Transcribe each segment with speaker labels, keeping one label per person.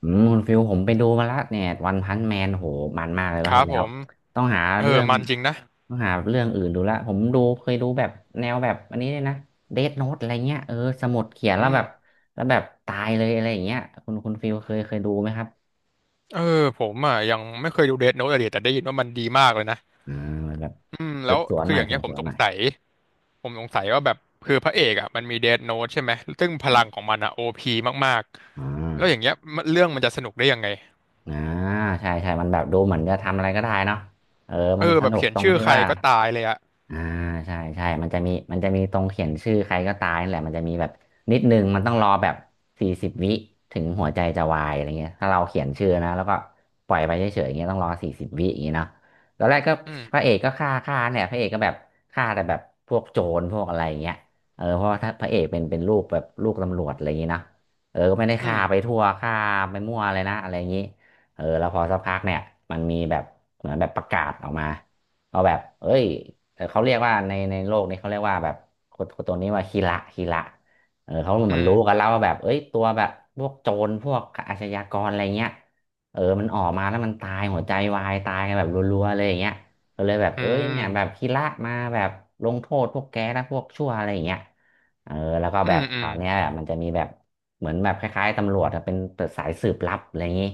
Speaker 1: อืมคุณฟิลผมไปดูมาละเนี่ยวันพันแมนโหมันมากเลย
Speaker 2: ค
Speaker 1: รอบ
Speaker 2: รั
Speaker 1: ที่
Speaker 2: บผ
Speaker 1: แล้ว
Speaker 2: ม
Speaker 1: ต้องหา
Speaker 2: เออ
Speaker 1: เรื่อง
Speaker 2: มันจริงนะ
Speaker 1: ต้องหาเรื่องอื่นดูละผมดูเคยดูแบบแนวแบบอันนี้เลยนะเดธโน้ตอะไรเงี้ยเออสมุดเขียน
Speaker 2: อื
Speaker 1: แล้วแบ
Speaker 2: ม
Speaker 1: บแล้วแบบตายเลยอะไรอย่างเงี้ยคุณฟิลเคยดูไหมครับ
Speaker 2: เออผมอ่ะยังไม่เคยดูเดธโน้ตอะลยแต่ได้ยินว่ามันดีมากเลยนะ
Speaker 1: อ่าแบบ
Speaker 2: อืม
Speaker 1: สื
Speaker 2: แล้ว
Speaker 1: บสวน
Speaker 2: คื
Speaker 1: ห
Speaker 2: อ
Speaker 1: น่
Speaker 2: อ
Speaker 1: อย
Speaker 2: ย่าง
Speaker 1: สื
Speaker 2: เงี้ย
Speaker 1: บ
Speaker 2: ผ
Speaker 1: ส
Speaker 2: ม
Speaker 1: วน
Speaker 2: ส
Speaker 1: ห
Speaker 2: ง
Speaker 1: น่อย
Speaker 2: สัยผมสงสัยว่าแบบคือพระเอกอ่ะมันมีเดธโน้ตใช่ไหมซึ่งพลัง
Speaker 1: อ่า
Speaker 2: ของมันอ่ะโอพีมาก
Speaker 1: อ่
Speaker 2: ๆ
Speaker 1: า
Speaker 2: แล้วอย่างเงี้ยมันเรื่องมันจะสนุกได้ยังไง
Speaker 1: อ่าใช่ใช่มันแบบดูเหมือนจะทำอะไรก็ได้เนาะเออ
Speaker 2: เอ
Speaker 1: มัน
Speaker 2: อ
Speaker 1: ส
Speaker 2: แบบ
Speaker 1: นุก
Speaker 2: เขียน
Speaker 1: ตรง
Speaker 2: ชื่อ
Speaker 1: ที่
Speaker 2: ใคร
Speaker 1: ว่า
Speaker 2: ก็ตายเลยอ่ะ
Speaker 1: อ่าใช่ใช่มันจะมีมันจะมีตรงเขียนชื่อใครก็ตายนั่นแหละมันจะมีแบบนิดนึงมันต้องรอแบบสี่สิบวิถึงหัวใจจะวายอะไรเงี้ยถ้าเราเขียนชื่อนะแล้วก็ปล่อยไปเฉยๆอย่างเงี้ยต้องรอสี่สิบวิอย่างเงี้ยเนาะตอนแรกก็
Speaker 2: อื
Speaker 1: พระ
Speaker 2: ม
Speaker 1: เอกก็ฆ่าเนี่ยพระเอกก็แบบฆ่าแต่แบบพวกโจรพวกอะไรเงี้ยเออเพราะว่าถ้าพระเอกเป็นลูกแบบลูกตำรวจอะไรอย่างงี้เนาะเออก็ไม่ได้
Speaker 2: อื
Speaker 1: ฆ่า
Speaker 2: ม
Speaker 1: ไปทั่วฆ่าไปมั่วเลยนะอะไรอย่างงี้เออแล้วพอสักพักเนี่ยมันมีแบบเหมือนแบบประกาศออกมา เอาแบบเอ้ยเขาเรียกว่าในโลกนี้เขาเรียกว่าแบบคนตัวนี้ว่าคีระเออเขาเห
Speaker 2: อื
Speaker 1: มือนรู้กัน
Speaker 2: ม
Speaker 1: แล้วว่าแบบเอ้ยตัวแบบพวกโจรพวกอาชญากรอะไรเงี้ยเออมันออกมาแล้วมันตายหัวใจวายตายกันแบบรัวๆเลยอย่างเงี้ยก็เลยแบบ
Speaker 2: อื
Speaker 1: เอ้ยเนี่ยแบบ
Speaker 2: ม
Speaker 1: คีระมาแบบลงโทษพวกแกและพวกชั่วอะไรอย่างเงี้ยเออแล้วก็
Speaker 2: อื
Speaker 1: แบ
Speaker 2: ม
Speaker 1: บ
Speaker 2: อื
Speaker 1: ค
Speaker 2: ม
Speaker 1: ราวเนี้ยแบบมันจะมีแบบเหมือนแบบคล้ายๆตำรวจอะเป็นสายสืบลับอะไรอย่างงี้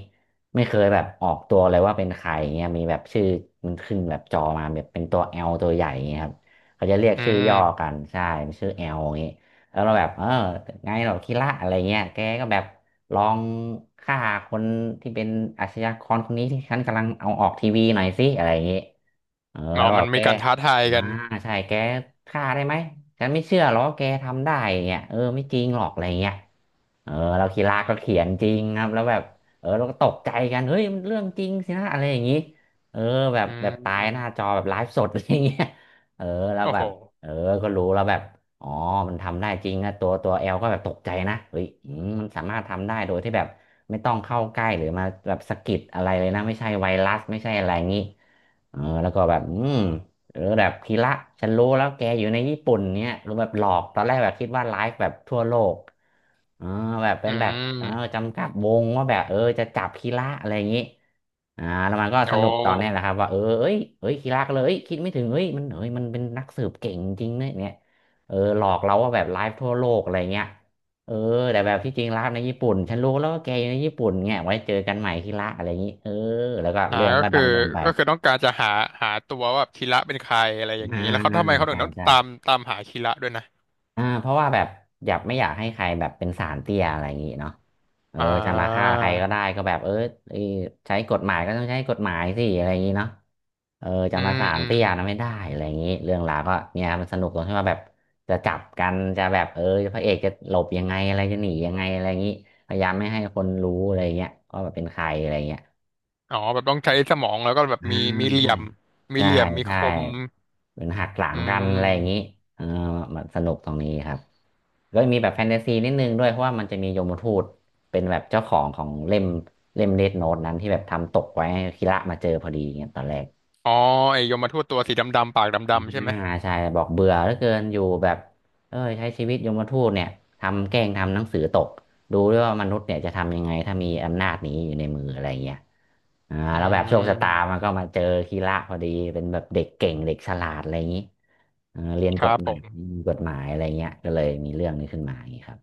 Speaker 1: ไม่เคยแบบออกตัวเลยว่าเป็นใครเงี้ยมีแบบชื่อมันขึ้นแบบจอมาแบบเป็นตัวเอลตัวใหญ่เงี้ยครับเขาจะเรียก
Speaker 2: อื
Speaker 1: ชื่อย่อกั
Speaker 2: ม
Speaker 1: นใช่มันชื่อเอลอย่างงี้แล้วเราแบบเออไงหรอคิระอะไรเงี้ยแกก็แบบลองฆ่าคนที่เป็นอาชญากรคนนี้ที่ฉันกำลังเอาออกทีวีหน่อยสิอะไรอย่างงี้ เออ
Speaker 2: อ๋
Speaker 1: แล้
Speaker 2: อ
Speaker 1: วแบ
Speaker 2: มัน
Speaker 1: บ
Speaker 2: มี
Speaker 1: แก
Speaker 2: การท้าทาย
Speaker 1: อ่า
Speaker 2: กัน
Speaker 1: ใช่แกฆ่าได้ไหมฉันไม่เชื่อหรอกแกทำได้เนี่ยเออไม่จริงหรอกอะไรเงี้ยเออเราคีราก็เขียนจริงครับแล้วแบบเออเราก็ตกใจกันเฮ้ยมันเรื่องจริงสินะอะไรอย่างงี้เออแบบ
Speaker 2: อื
Speaker 1: แบบตายหน้า
Speaker 2: ม
Speaker 1: จอแบบไลฟ์สด อะไรเงี้ยเออแล้ว
Speaker 2: โอ้
Speaker 1: แบ
Speaker 2: โห
Speaker 1: บเออก็รู้แล้วแบบอ๋อมันทำได้จริงนะตัวแอลก็แบบตกใจนะเฮ้ยอืมมันสามารถทำได้โดยที่แบบไม่ต้องเข้าใกล้หรือมาแบบสะกิดอะไรเลยนะไม่ใช่ไวรัสไม่ใช่อะไรอย่างงี้ เออแล้วก็แบบอืมหรือแบบพีระฉันรู้แล้วแกอยู่ในญี่ปุ่นเนี้ยหรือแบบหลอกตอนแรกแบบคิดว่าไลฟ์แบบทั่วโลกเออแบบเป็
Speaker 2: อื
Speaker 1: นแบบเออ
Speaker 2: ม
Speaker 1: จำกัดวงว่าแบบเออจะจับพีระอะไรอย่างนี้อ่าแล้วมันก็
Speaker 2: โอ
Speaker 1: สนุกตอนเนี้ยแหละ
Speaker 2: ้
Speaker 1: ครับว่าเออเอ้ยเอ้ยพีระก็เลยเอ้ยคิดไม่ถึงเอ้ยมันเอ้ยมันเป็นนักสืบเก่งจริงเนี่ยเนี่ยเออหลอกเราว่าแบบไลฟ์ทั่วโลกอะไรเงี้ยเออแต่แบบที่จริงแล้วในญี่ปุ่นฉันรู้แล้วว่าแกอยู่ในญี่ปุ่นเนี่ยไว้เจอกันใหม่ที่ละอะไรอย่างนี้เออแล้วก็
Speaker 2: อ่า
Speaker 1: เรื่อง
Speaker 2: ก็
Speaker 1: ก็
Speaker 2: คือ
Speaker 1: ดำเนินไป
Speaker 2: ก็คือต้องการจะหาหาตัวว่าแบบคีระเป็นใครอะไรอย่าง
Speaker 1: อ่า
Speaker 2: นี้แล้วเขา
Speaker 1: ใช
Speaker 2: ทำไมเขาถึ
Speaker 1: ่
Speaker 2: งต้อง
Speaker 1: ใช่
Speaker 2: ตามหาคีระด้วยนะ
Speaker 1: อ่าเพราะว่าแบบอยากไม่อยากให้ใครแบบเป็นสารเตี้ยอะไรอย่างงี้เนาะเออ
Speaker 2: อ่
Speaker 1: จะมาฆ่า
Speaker 2: า
Speaker 1: ใครก็ได้ก็แบบเออเอ้ยใช้กฎหมายก็ต้องใช้กฎหมายสิอะไรอย่างงี้เนาะเออจะ
Speaker 2: อื
Speaker 1: มา
Speaker 2: ม
Speaker 1: สาร
Speaker 2: อืม
Speaker 1: เตี้
Speaker 2: อ
Speaker 1: ยนะไม่
Speaker 2: ม
Speaker 1: ได้อะไรอย่างงี้เรื่องราวก็เนี่ยมันสนุกตรงที่ว่าแบบจะจับกันจะแบบเออพระเอกจะหลบยังไงอะไรจะหนียังไงอะไรอย่างงี้พยายามไม่ให้คนรู้อะไรอย่างเงี้ยว่าแบบเป็นใครอะไรอย่างเงี้ย
Speaker 2: อ๋อแบบต้องใช้สมองแล้วก็แบบ
Speaker 1: อ่า
Speaker 2: มีเหลี่
Speaker 1: ใช่
Speaker 2: ยมมี
Speaker 1: ใช่
Speaker 2: เหลี่ยมมี
Speaker 1: ใช่
Speaker 2: คม
Speaker 1: เหมือนหักหลัง
Speaker 2: อื
Speaker 1: กันอะไรอย่างนี้
Speaker 2: ม
Speaker 1: เออมันสนุกตรงนี้ครับก็มีแบบแฟนตาซีนิดนึงด้วยเพราะว่ามันจะมียมทูตเป็นแบบเจ้าของของเล่มเล่มเดธโน้ตนั้นที่แบบทำตกไว้ให้คีระมาเจอพอดีเงี้ยตอนแรก
Speaker 2: อ๋อไอยมทูตตัวสีดำๆปากดำๆใช่ไหม
Speaker 1: อ่าใช่บอกเบื่อเหลือเกินอยู่แบบเอ้ยใช้ชีวิตยมทูตเนี่ยทำแกล้งทำหนังสือตกดูด้วยว่ามนุษย์เนี่ยจะทำยังไงถ้ามีอำนาจนี้อยู่ในมืออะไรเงี้ย
Speaker 2: อื
Speaker 1: แล้วแบบโชคชะตา
Speaker 2: ม
Speaker 1: มันก็มาเจอคีระพอดีเป็นแบบเด็กเก่งเด็กฉลาดอะไรอย่างนี้เออเรียน
Speaker 2: ค
Speaker 1: กฎ
Speaker 2: รับ
Speaker 1: ห
Speaker 2: ผ
Speaker 1: มาย
Speaker 2: ม
Speaker 1: มีกฎหมายอะไรเงี้ยก็เลยมีเรื่องนี้ขึ้นมาอย่างนี้ครับ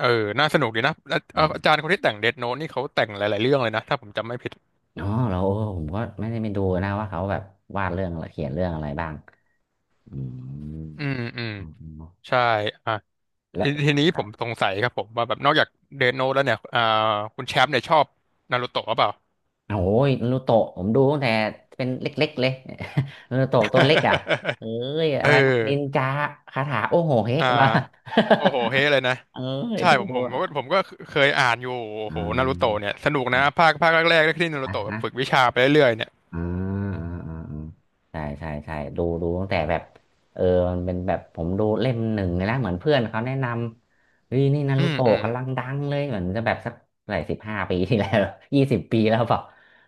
Speaker 2: เออน่าสนุกดีนะแล้วเอ่อ
Speaker 1: อื
Speaker 2: อาจาร
Speaker 1: ม
Speaker 2: ย์คนที่แต่งเดธโน้ตนี่เขาแต่งหลายๆเรื่องเลยนะถ้าผมจำไม่ผิด
Speaker 1: อ๋อแล้วผมก็ไม่ได้ไปดูนะว่าเขาแบบวาดเรื่องอะไรเขียนเรื่องอะไรบ้างอืม
Speaker 2: อืมอืม
Speaker 1: อืมอืม
Speaker 2: ใช่อ่า
Speaker 1: แล้
Speaker 2: ที
Speaker 1: ว
Speaker 2: ทีนี้ผมสงสัยครับผมว่าแบบนอกจากเดนโนตแล้วเนี่ยอ่าคุณแชมป์เนี่ยชอบนารูโตะหรือเปล่า
Speaker 1: โอ้ยนารูโตะผมดูตั้งแต่เป็นเล็กๆเลย นารูโตะตัวเล็กอ่ะเอ้ย อะ
Speaker 2: เออ
Speaker 1: ไรนะนินจาคาถา โอ้โหเฮ้
Speaker 2: อ่า
Speaker 1: มา
Speaker 2: โอ้โหเฮ้เลยนะ
Speaker 1: เอ้ย
Speaker 2: ใช่
Speaker 1: ดู
Speaker 2: ผมผมผมก็
Speaker 1: อะ
Speaker 2: ผมก็เคยอ่านอยู่โอ้
Speaker 1: อ่
Speaker 2: โหนารูโตะ
Speaker 1: า
Speaker 2: เนี่ยสนุกนะ
Speaker 1: อ
Speaker 2: ภาคแรกๆที่นารู
Speaker 1: ่ะ
Speaker 2: โตะแบบ
Speaker 1: นะ
Speaker 2: ฝึกวิชาไปเรื่อยๆเนี่ย
Speaker 1: อ่าอ่าอ่าอ่าใช่ใช่ใช่ดูตั้งแต่แบบเออมันเป็นแบบผมดูเล่มหนึ่งเลยนะเหมือนเพื่อนเขาแนะนำเฮ้ยนี่นา
Speaker 2: อื
Speaker 1: รู
Speaker 2: มอื
Speaker 1: โตะ
Speaker 2: ม
Speaker 1: กำลังดังเลยเหมือนจะแบบสักหลาย15 ปีที่แล้ว 20 ปีแล้วเปล่า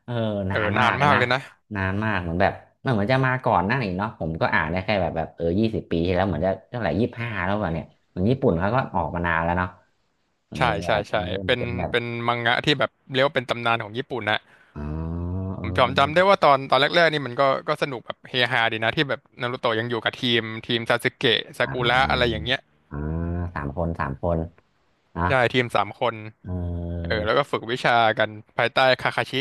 Speaker 1: เออ
Speaker 2: เอ
Speaker 1: นา
Speaker 2: อ
Speaker 1: น
Speaker 2: นา
Speaker 1: มาก
Speaker 2: น
Speaker 1: เลย
Speaker 2: มาก
Speaker 1: นะ
Speaker 2: เลยนะ
Speaker 1: นานมากเหมือนแบบมันเหมือนจะมาก่อนหน้านี้เนาะผมก็อ่านได้แค่แบบเออยี่สิบปีที่แล้วเหมือนจะเท่าไหร่25แล้วเปล่าเนี่ยเหมือนญี่ปุ่นเขาก็ออกมานานแล้วเนาะเออ
Speaker 2: ใช่
Speaker 1: แบ
Speaker 2: ใช่
Speaker 1: บ
Speaker 2: ใช่
Speaker 1: มันเริ่ม
Speaker 2: เป็น
Speaker 1: เป็นแบบ
Speaker 2: เป็นมังงะที่แบบเรียกว่าเป็นตำนานของญี่ปุ่นนะ
Speaker 1: อ๋อ
Speaker 2: ผม
Speaker 1: เอ
Speaker 2: จำได้
Speaker 1: อ
Speaker 2: ว่าตอนแรกๆนี่มันก็สนุกแบบเฮฮาดีนะที่แบบนารูโตะยังอยู่กับทีมซาสึเกะซา
Speaker 1: อ่
Speaker 2: กุระอะไรอ
Speaker 1: า
Speaker 2: ย่างเงี้ย
Speaker 1: เออสามคนสามคนนะ
Speaker 2: ใช่ทีมสามคน
Speaker 1: เ
Speaker 2: เอ
Speaker 1: ออ
Speaker 2: อแล้วก็ฝึกวิชากันภายใต้คาคาชิ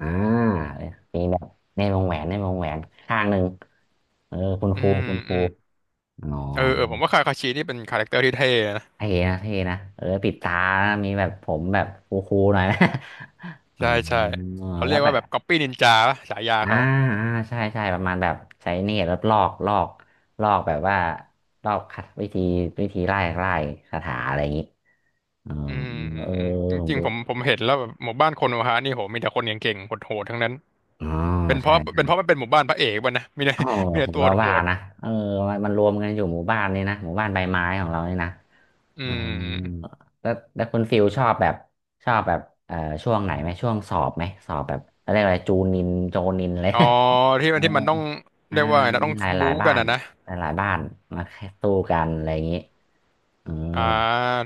Speaker 1: อ่ามีแบบในวงแหวนในวงแหวนข้างหนึ่งเออคุณ
Speaker 2: อื
Speaker 1: ครู
Speaker 2: ม
Speaker 1: คุณค
Speaker 2: อื
Speaker 1: รู
Speaker 2: ม
Speaker 1: อ๋อ
Speaker 2: เออเออผมว่าคาคาชินี่เป็นคาแรคเตอร์ที่เท่นะ
Speaker 1: เท่นะเท่นะเออปิดตานะมีแบบผมแบบคูคูหน่อยนะ อ๋อ
Speaker 2: ใช่ใช่เขา
Speaker 1: แล้
Speaker 2: เรี
Speaker 1: ว
Speaker 2: ยก
Speaker 1: แบ
Speaker 2: ว่าแบ
Speaker 1: บ
Speaker 2: บก๊อปปี้นินจาฉายา
Speaker 1: อ่า
Speaker 2: เขา
Speaker 1: ใช่ใช่ประมาณแบบใช้เนตรแล้วลอกลอกลอกแบบว่าลอกคัดวิธีวิธีไล่ไล่คาถาอะไรอย่างนี้อ๋อ
Speaker 2: อืมอื
Speaker 1: เอ
Speaker 2: ม
Speaker 1: อ
Speaker 2: อืม
Speaker 1: ผม
Speaker 2: จริง
Speaker 1: ดู
Speaker 2: ๆผมเห็นแล้วแบบหมู่บ้านโคโนฮะนี่โหมีแต่คนเก่งๆโหดๆทั้งนั้น
Speaker 1: อ๋อ
Speaker 2: เป็นเพ
Speaker 1: ใช่
Speaker 2: ราะ
Speaker 1: ใช่
Speaker 2: เป็นเพราะมันเป็นหมู่บ้านพระเอกป่ะนะมีแต่
Speaker 1: โอ้
Speaker 2: มีแต่
Speaker 1: ผม
Speaker 2: ตัว
Speaker 1: ก็
Speaker 2: โห
Speaker 1: ว่า
Speaker 2: ด
Speaker 1: นะเออมันรวมกันอยู่หมู่บ้านนี่นะหมู่บ้านใบไม้ของเรานี่นะ
Speaker 2: ๆอื
Speaker 1: อ๋อ
Speaker 2: ม
Speaker 1: แล้วคุณฟิลชอบแบบชอบแบบเอ่อช่วงไหนไหมช่วงสอบไหมสอบแบบอะไรยกอะไรจูนินโจนินเลย
Speaker 2: อ๋อ ที่
Speaker 1: เอ
Speaker 2: มั
Speaker 1: อ
Speaker 2: นที่มันต้อง
Speaker 1: อ่า
Speaker 2: เรียกว่าไงนะต้
Speaker 1: มี
Speaker 2: อง
Speaker 1: หลายหลา
Speaker 2: บู๊
Speaker 1: ยบ้า
Speaker 2: กัน
Speaker 1: น
Speaker 2: นะนะ
Speaker 1: หลายหลายบ้านมาแค่สู้กันอะไรอย่างนี้เออ
Speaker 2: อ่า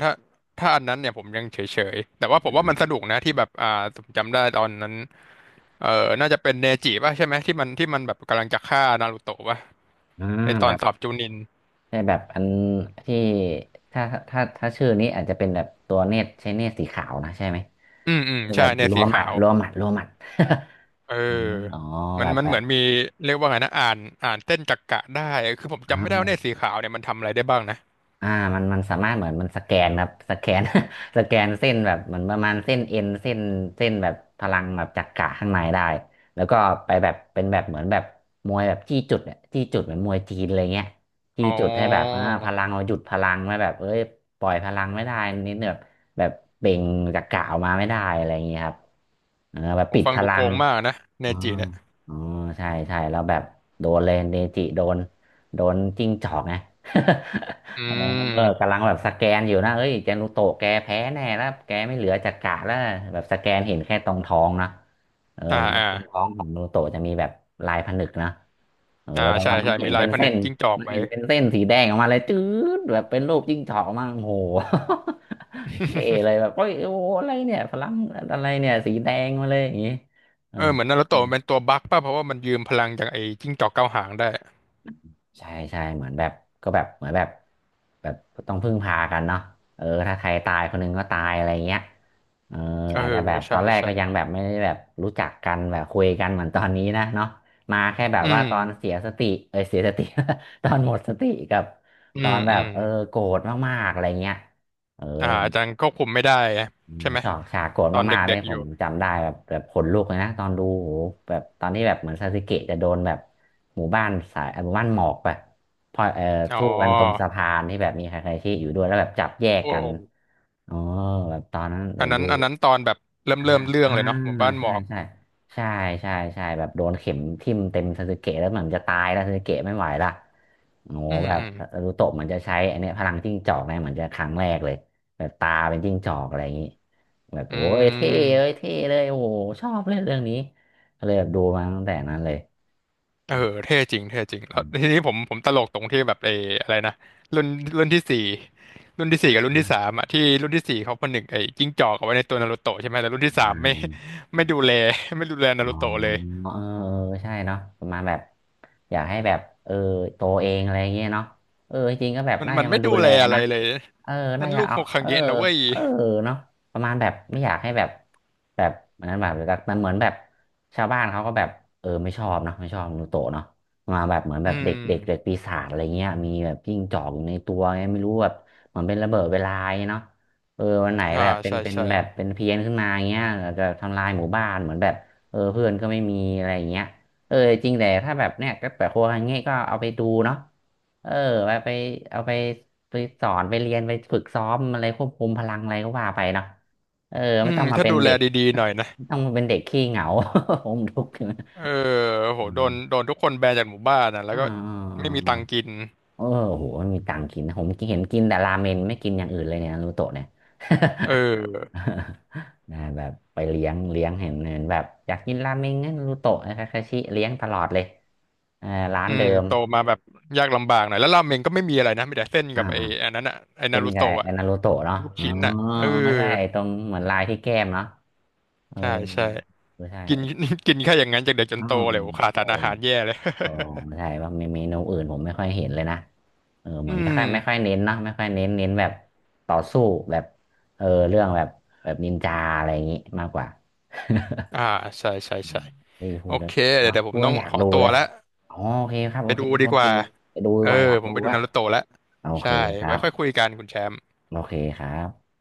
Speaker 2: ถ้าถ้าอันนั้นเนี่ยผมยังเฉยๆแต่ว่าผมว่ามันสนุกนะที่แบบอ่าผมจำได้ตอนนั้นเออน่าจะเป็นเนจิป่ะใช่ไหมที่มันแบบกำลังจะฆ่านารูโตะป่ะ
Speaker 1: อ่
Speaker 2: ในตอนสอ
Speaker 1: า
Speaker 2: บจูนิน
Speaker 1: ใช่แบบอันที่ถ้าถ้าชื่อนี้อาจจะเป็นแบบตัวเนตรใช้เนตรสีขาวนะใช่ไหม
Speaker 2: อืมอืม
Speaker 1: เป็นแบ
Speaker 2: ใช่
Speaker 1: บ
Speaker 2: เนี่ย
Speaker 1: รัว
Speaker 2: สี
Speaker 1: หมั
Speaker 2: ขา
Speaker 1: ด
Speaker 2: ว
Speaker 1: รัวหมัดรัวหมัด
Speaker 2: เอ
Speaker 1: อ๋ออ๋อ
Speaker 2: อมั
Speaker 1: แบ
Speaker 2: น
Speaker 1: บ
Speaker 2: มัน
Speaker 1: แบ
Speaker 2: เห
Speaker 1: บ
Speaker 2: มือนมีเรียกว่าไงนะอ่านเส้นจักระได้คือผม
Speaker 1: อ๋
Speaker 2: จำไม่ได้ว่าเนี่ย
Speaker 1: อ
Speaker 2: สีขาวเนี่ยมันทำอะไรได้บ้างนะ
Speaker 1: อ่ามันสามารถเหมือนมันสแกนครับสแกน สแกนเส้นแบบเหมือนประมาณเส้นเอ็นเส้นเส้นแบบพลังแบบจักระข้างในได้แล้วก็ไปแบบเป็นแบบเหมือนแบบมวยแบบจี้จุดเนี่ยจี้จุดเหมือนมวยจีนอะไรเงี้ยจี้
Speaker 2: อ๋
Speaker 1: จุดให้แบบ
Speaker 2: อ
Speaker 1: พลังเราหยุดพลังไว้แบบเอ้ยปล่อยพลังไม่ได้นิดแบบแบบเบ่งจักระออกมาไม่ได้อะไรอย่างเงี้ยครับเออแบบ
Speaker 2: ผม
Speaker 1: ปิด
Speaker 2: ฟัง
Speaker 1: พ
Speaker 2: ดู
Speaker 1: ลั
Speaker 2: โก
Speaker 1: ง
Speaker 2: งมากนะเน
Speaker 1: อ๋อ
Speaker 2: จิเนี่ย
Speaker 1: อ๋อใช่ใช่แล้วแบบโดนเลยเนจิโดนโดนจิ้งจอกไง
Speaker 2: อื
Speaker 1: เออกำ
Speaker 2: ม
Speaker 1: ลังแบบสแกนอยู่นะเอ้ยเจนุโตะแกแพ้แน่แล้วแกไม่เหลือจักระแล้วแบบสแกนเห็นแค่ตรงท้องนะเออ
Speaker 2: อ่า
Speaker 1: มัน
Speaker 2: อ่า
Speaker 1: ตรงท้องของเจนุโตะจะมีแบบลายผนึกนะเออ
Speaker 2: อ่า
Speaker 1: แล้ว
Speaker 2: ใช่
Speaker 1: ว่ามัน
Speaker 2: ใช่
Speaker 1: เห็
Speaker 2: มี
Speaker 1: น
Speaker 2: ลา
Speaker 1: เป็
Speaker 2: ย
Speaker 1: น
Speaker 2: ผ
Speaker 1: เส้
Speaker 2: นึก
Speaker 1: น
Speaker 2: จิ้งจอก
Speaker 1: มัน
Speaker 2: ไว้
Speaker 1: เห็นเป็นเส้นสีแดงออกมาเลยจืดแบบเป็นรูปจิ้งจอกออกมาโอ้โห เท่เลยแบบโอ้ยโอ้โหอะไรเนี่ยพลังอะไรเนี่ยสีแดงมาเลยอย่างงี้เออ
Speaker 2: เออเหมือนนารู
Speaker 1: อื
Speaker 2: โตะ
Speaker 1: ม
Speaker 2: มันเป็นตัวบั๊กป่ะเพราะว่ามันยืมพลังจากไอ้จิ้งจอกเก้าหางได้
Speaker 1: ใช่ใช่เหมือนแบบก็แบบเหมือนแบบแบบต้องพึ่งพากันเนาะเออถ้าใครตายคนหนึงก็ตายอะไรเงี้ยเออ
Speaker 2: เออ
Speaker 1: อาจจะแบบต
Speaker 2: ใช่
Speaker 1: อนแรก
Speaker 2: ใช่
Speaker 1: ก็ยังแบบไม่ได้แบบรู้จักกันแบบคุยกันเหมือนตอนนี้นะเนาะมาแค่แบบ
Speaker 2: อื
Speaker 1: ว่า
Speaker 2: ม
Speaker 1: ตอนเสียสติเออเสียสติ ตอนหมดสติกับ
Speaker 2: อื
Speaker 1: ตอ
Speaker 2: ม
Speaker 1: นแบ
Speaker 2: อื
Speaker 1: บ
Speaker 2: ม
Speaker 1: เออโกรธมากๆอะไรเงี้ยเออ
Speaker 2: อ่าอาจารย์ควบคุมไม่ได้
Speaker 1: อืม
Speaker 2: ใช่ไหม
Speaker 1: ชฉากโกรธ
Speaker 2: ตอน
Speaker 1: มากๆเล
Speaker 2: เด็
Speaker 1: ย
Speaker 2: กๆอ
Speaker 1: ผ
Speaker 2: ยู่
Speaker 1: มจำได้แบบแบบขนลุกเลยนะตอนดูโหแบบตอนที่แบบเหมือนซาสึเกะจะโดนแบบหมู่บ้านสายหมู่บ้านหมอกแบบพอ
Speaker 2: อ๋อ
Speaker 1: ทู่กันตรงสะพานที่แบบมีใครๆที่อยู่ด้วยแล้วแบบจับแยก
Speaker 2: โอ้
Speaker 1: กันอ๋อแบบตอนนั้นแบ
Speaker 2: อัน
Speaker 1: บ
Speaker 2: นั้
Speaker 1: ดู
Speaker 2: นอันนั้นตอนแบบเริ่ม
Speaker 1: อ่า
Speaker 2: เริ่มเรื่อง
Speaker 1: อ่า
Speaker 2: เลยเนาะหมู่บ้านหม
Speaker 1: ใช่
Speaker 2: อก
Speaker 1: ใช่ใช่ใช่ใช่แบบโดนเข็มทิ่มเต็มซาสึเกะแล้วเหมือนจะตายแล้วซาสึเกะไม่ไหวละ โอ้โห
Speaker 2: อืม
Speaker 1: แบบ
Speaker 2: อืม
Speaker 1: นารูโตะเหมันจะใช้อันเนี้ยพลังจิ้งจอกเนี่ยเหมือนจะครั้งแรกเลยแบบตาเป็นจิ้งจอกอะไรอย่างนี้แบบ
Speaker 2: อื
Speaker 1: โอ้ยเท่เลย
Speaker 2: ม
Speaker 1: เท่เลยโอ้โหชอบเล่นเรื่องนี้ก็เลยแบบดูมาตั้งแต่นั้นเลย
Speaker 2: เออเท่จริงเท่จริงแล้ว
Speaker 1: อื
Speaker 2: ที
Speaker 1: ม
Speaker 2: นี้ผมผมตลกตรงที่แบบเอออะไรนะรุ่นรุ่นที่สี่รุ่นที่สี่กับรุ่นที่สามอ่ะที่รุ่นที่สี่เขาผนึกไอ้จิ้งจอกเอาไว้ในตัวนารูโตะใช่ไหมแต่รุ่น
Speaker 1: อ่
Speaker 2: ที่สามไม่
Speaker 1: า
Speaker 2: ไม่ดูแล ไม่ดูแล
Speaker 1: อ๋อ
Speaker 2: นารูโตะเลย
Speaker 1: เออเออใช่เนาะประมาณแบบอยากให้แบบเออโตเองอะไรเงี้ยเนาะเออจริงๆก็แบบ
Speaker 2: มัน
Speaker 1: น่า
Speaker 2: มั
Speaker 1: จะ
Speaker 2: นไม่
Speaker 1: มาดู
Speaker 2: ดู
Speaker 1: แล
Speaker 2: แลอะไร
Speaker 1: นะ
Speaker 2: เลย
Speaker 1: เออ
Speaker 2: นั่
Speaker 1: น่า
Speaker 2: น
Speaker 1: จะ
Speaker 2: ลูก
Speaker 1: เอา
Speaker 2: โฮค
Speaker 1: เอ
Speaker 2: ง
Speaker 1: อ
Speaker 2: เงะนะเว้ย
Speaker 1: เออเนาะประมาณแบบไม่อยากให้แบบแบบเหมือนแบบแต่เหมือนแบบชาวบ้านเขาก็แบบเออไม่ชอบเนาะไม่ชอบนูโตะเนาะมาแบบเหมือนแบ
Speaker 2: อื
Speaker 1: บเด็กเด็กเด็ก
Speaker 2: ม
Speaker 1: ปีศาจอะไรเงี้ยมีแบบจิ้งจอกอยู่ในตัวไงไม่รู้แบบเหมือนเป็นระเบิดเวลาไงเนาะเออวันไหน
Speaker 2: ใช่
Speaker 1: แบบเป็น
Speaker 2: ใช่
Speaker 1: เป็น
Speaker 2: ใช่
Speaker 1: แบบเป็นเพี้ยนขึ้นมาอย่างเงี้ยอาจจะทำลายหมู่บ้านเหมือนแบบ เออเพื่อนก็ไม่มีอะไรอย่างเงี้ยเออจริงแต่ถ้าแบบเนี้ยก็แบบโครัวอย่างเงี้ยก็เอาไปดูเนาะเออไปไปเอาไปไปสอนไปเรียนไปฝึกซ้อมอะไรควบคุมพลังอะไรก็ว่าไปเนาะเออ
Speaker 2: อื
Speaker 1: ไม่ต้
Speaker 2: ม
Speaker 1: องมา
Speaker 2: ถ้า
Speaker 1: เป็น
Speaker 2: ดูแล
Speaker 1: เด็ก
Speaker 2: ดีๆหน่อยนะ
Speaker 1: ไม่ต้องมาเป็นเด็กขี้เหงา ผมทุกข์อยู่นะ
Speaker 2: เออโห
Speaker 1: อื
Speaker 2: โด
Speaker 1: ม
Speaker 2: นโดนทุกคนแบนจากหมู่บ้านนะแล้
Speaker 1: อ่
Speaker 2: วก็ไม่
Speaker 1: า
Speaker 2: มีตังค์กิน
Speaker 1: เอาอโอ้โหมันมีตังค์กินนะผมเห็นกินแต่ราเมนไม่กินอย่างอื่นเลยเนี่ยนารูโตะเนี่ย
Speaker 2: เออ
Speaker 1: นะแบบไปเลี้ยงเลี้ยงเห็นเห็นแบบอยากกินราเมงงั้นรูโตะนะคาคาชิเลี้ยงตลอดเลยเออร้าน
Speaker 2: อื
Speaker 1: เดิ
Speaker 2: ม
Speaker 1: ม
Speaker 2: โตมาแบบยากลำบากหน่อยแล้วราเมงก็ไม่มีอะไรนะมีแต่เส้นกับไอ้
Speaker 1: อ่า
Speaker 2: อันนั้นอ่ะไอ้นา
Speaker 1: เส้น
Speaker 2: รู
Speaker 1: กับ
Speaker 2: โตะ
Speaker 1: ไอ้
Speaker 2: อะ
Speaker 1: นารูโตะเนาะ
Speaker 2: ลูก
Speaker 1: อ๋อ
Speaker 2: ชิ้นอ่ะเออ
Speaker 1: ไม่ใช่ไอ้ตรงเหมือนลายที่แก้มเนาะเออ
Speaker 2: ใช่ใช่
Speaker 1: ไม่ใช่
Speaker 2: กิน กินแค่อย่างนั้นจากเด็กจน
Speaker 1: อ๋อ
Speaker 2: โตเลยโอ้ขาด
Speaker 1: โอ้
Speaker 2: สารอาหารแย่เลย
Speaker 1: โอ้ใช่ว่ามีเมนูอื่นผมไม่ค่อยเห็นเลยนะเออ เหมื
Speaker 2: อื
Speaker 1: อนไม่ค่อ
Speaker 2: ม
Speaker 1: ยไม่ค่อยเน้นเนาะไม่ค่อยเน้นเน้นแบบต่อสู้แบบเออเรื่องแบบแบบนินจาอะไรอย่างงี้มากกว่า
Speaker 2: อ่า ใช่ใช่
Speaker 1: อื
Speaker 2: ใช่
Speaker 1: มนี่พู
Speaker 2: โอ
Speaker 1: ดแล้ว
Speaker 2: เคเดี๋ยว
Speaker 1: เนาะ
Speaker 2: เดี๋ยวผ
Speaker 1: พู
Speaker 2: ม
Speaker 1: ด
Speaker 2: ต้
Speaker 1: แล้
Speaker 2: อ
Speaker 1: ว
Speaker 2: ง
Speaker 1: อยา
Speaker 2: ข
Speaker 1: ก
Speaker 2: อ
Speaker 1: ดู
Speaker 2: ตัว
Speaker 1: เลย
Speaker 2: แล้ว
Speaker 1: อ๋อโอเคครับ
Speaker 2: ไป
Speaker 1: โอเค
Speaker 2: ดู
Speaker 1: ครับ
Speaker 2: ดี
Speaker 1: คุณ
Speaker 2: ก
Speaker 1: ติ
Speaker 2: ว่า
Speaker 1: วไปดูดี
Speaker 2: เออ
Speaker 1: กว่าอยาก
Speaker 2: ผม
Speaker 1: ดู
Speaker 2: ไปดู
Speaker 1: อะ
Speaker 2: นารูโตะแล้ว
Speaker 1: โอเค
Speaker 2: ใช่
Speaker 1: ครั
Speaker 2: ไว้
Speaker 1: บ
Speaker 2: ค่อยคุยกันคุณแชมป์
Speaker 1: โอเคครับ